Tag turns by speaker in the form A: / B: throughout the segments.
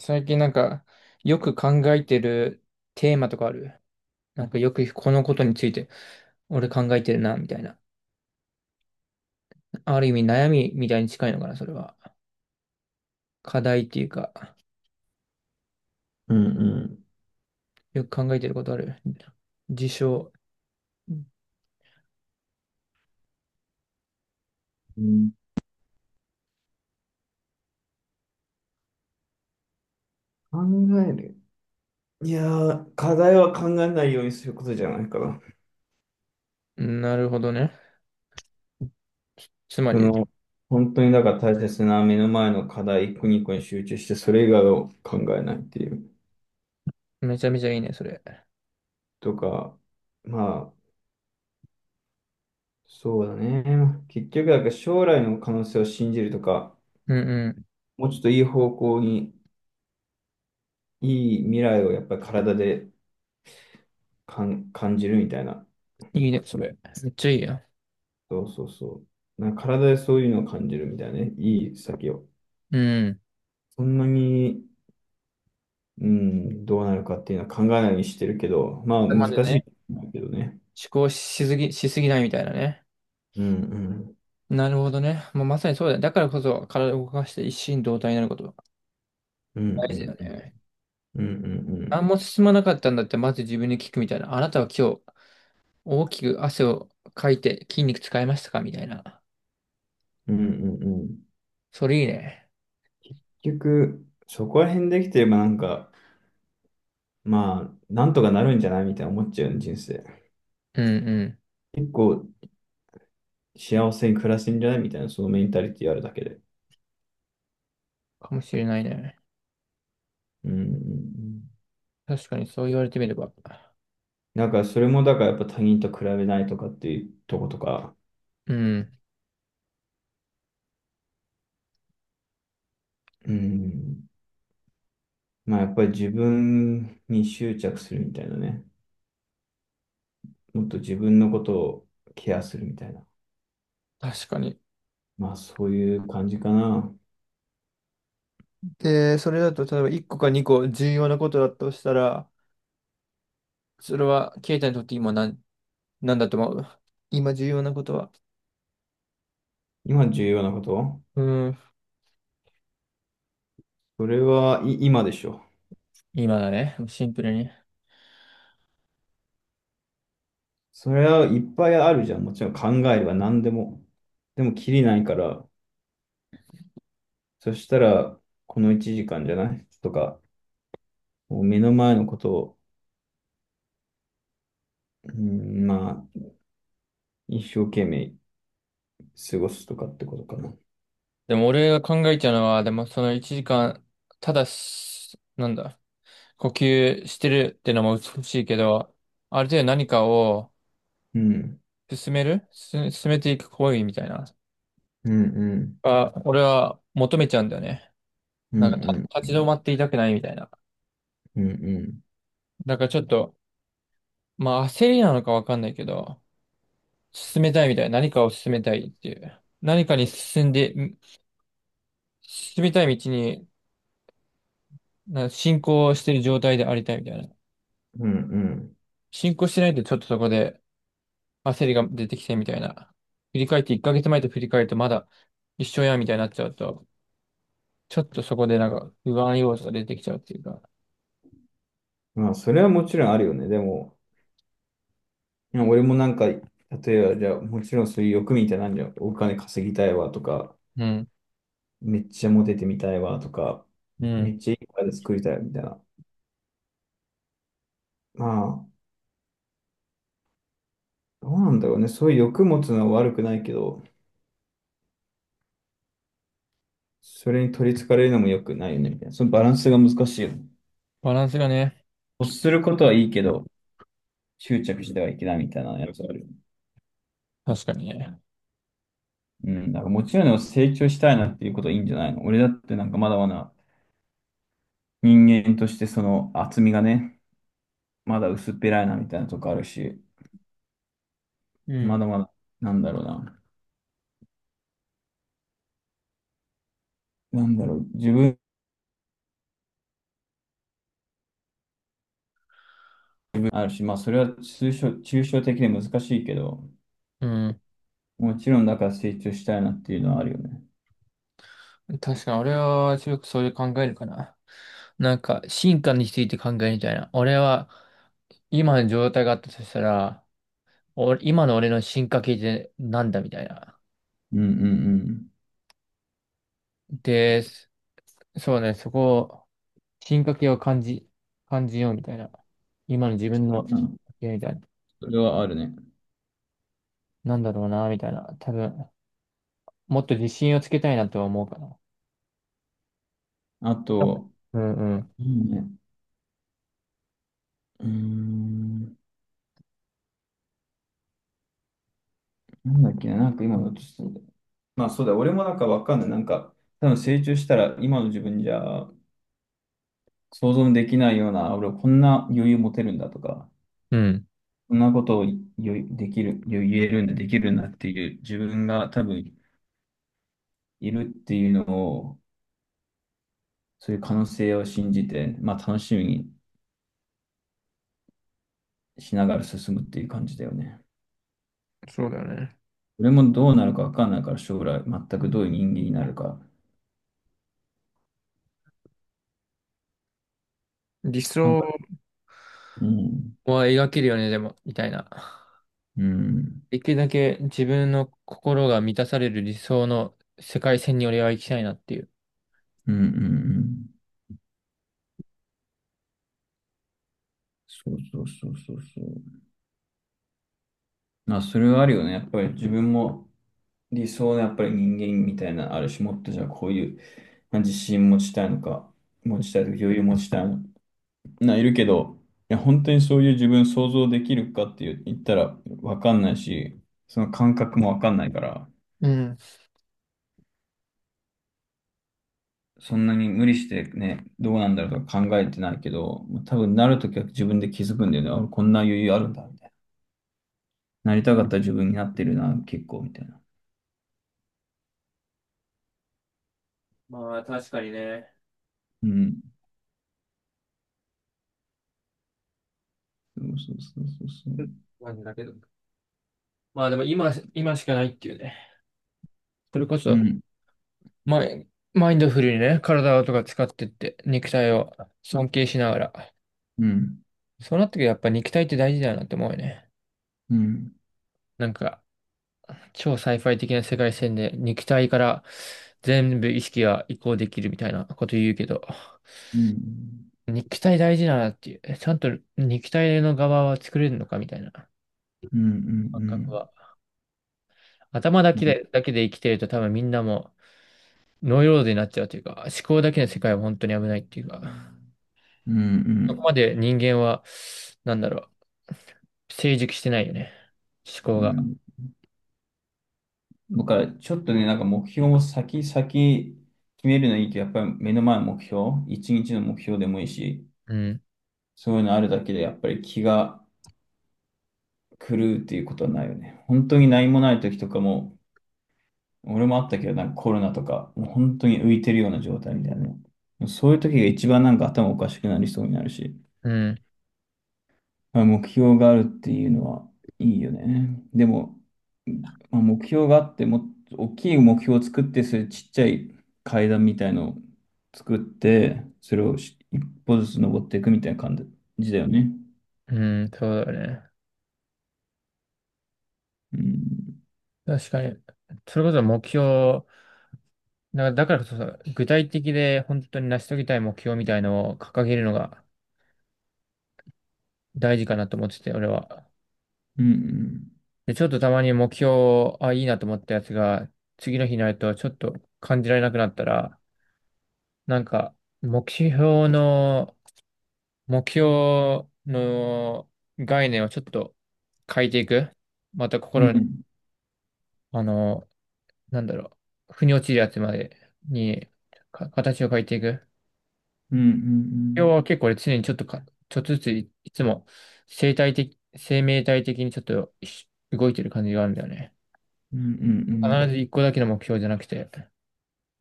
A: 最近よく考えてるテーマとかあるよくこのことについて、俺考えてるな、みたいな。ある意味悩みみたいに近いのかな、それは。課題っていうか、
B: うん
A: よく考えてることある事象。
B: うんうん、考える。いやー、課題は考えないようにすることじゃないかな。
A: なるほどね。つま
B: そ
A: り、
B: の、本当にだから大切な目の前の課題一個二個に集中して、それ以外を考えないっていう。
A: めちゃめちゃいいね、それ。
B: とか、まあ、そうだね。結局、だから将来の可能性を信じるとか、
A: うんう
B: もうちょっといい方向に、いい未来をやっぱり体で感じるみたいな。
A: ん。いいね、それ。めっちゃいいや。
B: そうそうそう。なんか体でそういうのを感じるみたいなね。いい先を。
A: うん。
B: そんなにうん、どうなるかっていうのは考えないようにしてるけど、まあ
A: 頭
B: 難
A: で
B: しい
A: ね、
B: と思うけどね。
A: 思考しすぎ、しすぎないみたいなね。
B: うんうん。
A: なるほどね。もうまさにそうだよ。だからこそ体を動かして一心同体になること。
B: うんう
A: 大事
B: んう
A: だ
B: ん。
A: よね。
B: うんうんう
A: 何
B: ん。
A: も進まなかったんだって、まず自分に聞くみたいな。あなたは今日、大きく汗をかいて筋肉使いましたかみたいな。
B: うんうんうん。
A: それいいね。
B: 結局、そこら辺できてればなんか、まあ、なんとかなるんじゃないみたいな思っちゃうよね、人生。
A: うんうん。
B: 結構幸せに暮らせんじゃないみたいな、そのメンタリティあるだけで。
A: かもしれないね。
B: うんうんうん。
A: 確かにそう言われてみれば。
B: だからそれもだからやっぱ他人と比べないとかっていうとことか、
A: うん。
B: うん。まあやっぱり自分に執着するみたいなね。もっと自分のことをケアするみたいな。
A: 確かに。
B: まあそういう感じかな。
A: で、それだと、例えば1個か2個重要なことだとしたら、それは、ケイタにとって今なん、なんだと思う、今重要なことは。
B: 今重要なこと
A: うん。
B: それはい今でしょ。
A: 今だね。シンプルに。
B: それはいっぱいあるじゃん。もちろん考えは何でも。でもきりないから、そしたらこの1時間じゃないとか、もう目の前のことを、うん、まあ一生懸命過ごすとかってことかな。
A: でも俺が考えちゃうのは、でもその1時間、ただし、なんだ。呼吸してるってのも美しいけど、ある程度何かを
B: うん。
A: 進めていく行為みたいな。
B: うんうん。
A: あ、俺は求めちゃうんだよね。
B: う
A: な
B: ん
A: んか
B: うん。
A: 立ち止まっていたくないみたいな。
B: うんうん。
A: だからちょっと、まあ焦りなのかわかんないけど、進めたいみたいな。何かを進めたいっていう。何かに進んで、ん進みたい道に進行してる状態でありたいみたいな。
B: うんうん。
A: 進行してないとちょっとそこで焦りが出てきてみたいな。振り返って1ヶ月前と振り返るとまだ一緒やみたいになっちゃうと、ちょっとそこでなんか不安要素が出てきちゃうっていうか。
B: まあそれはもちろんあるよね。でも、今俺もなんか、例えば、じゃあ、もちろんそういう欲みたいなんじゃん。お金稼ぎたいわとか、
A: うん。
B: めっちゃモテてみたいわとか、
A: う
B: め
A: ん。
B: っちゃいい体作りたいみたいな。まあ、どうなんだろうね。そういう欲持つのは悪くないけど、それに取り憑かれるのも良くないよね、みたいな。そのバランスが難しいよね。
A: バランスがね。
B: 欲することはいいけど、執着してはいけないみたいなやつあるよね。
A: 確かにね。
B: うん、だからもちろん成長したいなっていうことはいいんじゃないの。俺だってなんかまだまだ人間としてその厚みがね、まだ薄っぺらいなみたいなとこあるし、
A: う
B: ま
A: ん。
B: だまだ、なんだろうな。なんだろう、自分あるし、まあ、それは抽象的で難しいけど、
A: うん。
B: もちろんだから成長したいなっていうのはあるよね。
A: 確かに俺は強くそういう考えるかな。なんか進化について考えるみたいな。俺は今の状態があったとしたら、俺今の俺の進化系ってなんだみたいな。
B: うんうん
A: で、そうね、そこを進化系を感じ、感じようみたいな。今の自分
B: う
A: の、
B: ん。うん、
A: みたいな。
B: それはあるね。
A: なんだろうな、みたいな。多分、もっと自信をつけたいなとは思うかな。
B: あ
A: あ
B: と、
A: うんうん。
B: いいね。うーん、なんだっけな、なんか今のとしてまあそうだ、俺もなんかわかんない。なんか、多分成長したら今の自分じゃ想像できないような、俺こんな余裕持てるんだとか、
A: うん
B: こんなことをよできる、言えるんだ、できるんだっていう自分が多分いるっていうのを、そういう可能性を信じて、まあ楽しみにしながら進むっていう感じだよね。
A: そうだよね。
B: 俺もどうなるかわかんないから、将来全くどういう人間になるか。
A: 理
B: なん
A: 想、
B: か、うん、
A: は描けるよね、でも、みたいな。
B: うん、うん、
A: できるだけ自分の心が満たされる理想の世界線に俺は行きたいなっていう。
B: うんうん。そうそうそうそうそう。まあ、それはあるよね。やっぱり自分も理想のやっぱり人間みたいな、ある種もっとじゃあこういうまあ自信持ちたいのか、持ちたいとか余裕持ちたいのいるけど本当にそういう自分想像できるかって言ったら分かんないしその感覚も分かんないから
A: うん。
B: そんなに無理してどうなんだろうと考えてないけど多分なるときは自分で気づくんだよねこんな余裕あるんだよねなりたかったら自分になってるな結構みたいな。
A: まあ、確かにね。
B: うんそうそうそうそう。
A: マジだけど。まあでも今、今しかないっていうね。それこ
B: う
A: そ、
B: ん
A: マインドフルにね、体とか使ってって、肉体を尊敬しながら。
B: うん
A: そうなってくるとやっぱ肉体って大事だよなって思うよね。
B: うん
A: なんか、超サイファイ的な世界線で肉体から全部意識が移行できるみたいなこと言うけど、
B: うん
A: 肉体大事だなっていう、え、ちゃんと肉体の側は作れるのかみたいな感
B: うんう
A: 覚
B: ん
A: は。頭だ
B: うん
A: け
B: うん
A: で、だけで生きてると多分みんなもノイローゼになっちゃうというか、思考だけの世界は本当に危ないっていうか、
B: うんうんう
A: そこま
B: ん
A: で人間は、なんだろう、成熟してないよね。思考
B: うんう
A: が。
B: ん。だからちょっとね、なんか目標を先、先決めるのいいけど、やっぱり目の前の目標、一日の目標でもいいし、
A: うん、
B: そういうのあるだけでやっぱり気が狂うっていうことはないよね。本当に何もない時とかも、俺もあったけど、なんかコロナとか、もう本当に浮いてるような状態みたいなね。そういう時が一番なんか頭おかしくなりそうになるし。
A: うん、
B: まあ、目標があるっていうのはいいよね。でも、まあ、目標があって、もっと大きい目標を作って、それちっちゃい階段みたいのを作って、それを一歩ずつ登っていくみたいな感じだよね。
A: うん、そうだよね。
B: うん。
A: 確かに。それこそ目標だだからこそ、具体的で本当に成し遂げたい目標みたいのを掲げるのが大事かなと思ってて、俺は。
B: うん
A: で、ちょっとたまに目標、あ、いいなと思ったやつが、次の日になるとちょっと感じられなくなったら、なんか、目標の、目標の概念をちょっと変えていく。また
B: うん。
A: 心
B: う
A: に、
B: ん
A: あの、なんだろう、腑に落ちるやつまでに、形を変えていく。
B: うんう
A: 要は
B: ん。
A: 結構俺常にちょっとずついつも生命体的にちょっと動いてる感じがあるんだよね。
B: うんう
A: 必ず
B: ん
A: 一個だけの目標じゃなくて、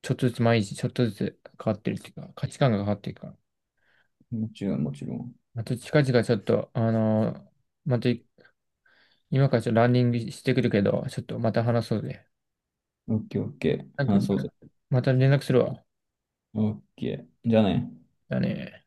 A: ちょっとずつ毎日ちょっとずつ変わってるっていうか、価値観が変わっていくから。
B: うん。もちろん、もちろん。
A: また近々ちょっと、また今からちょっとランニングしてくるけど、ちょっとまた話そうぜ。
B: オッケーオッケー。
A: なんか、
B: 話そうぜ。
A: また連絡するわ。
B: オッケー。じゃあね。
A: だね。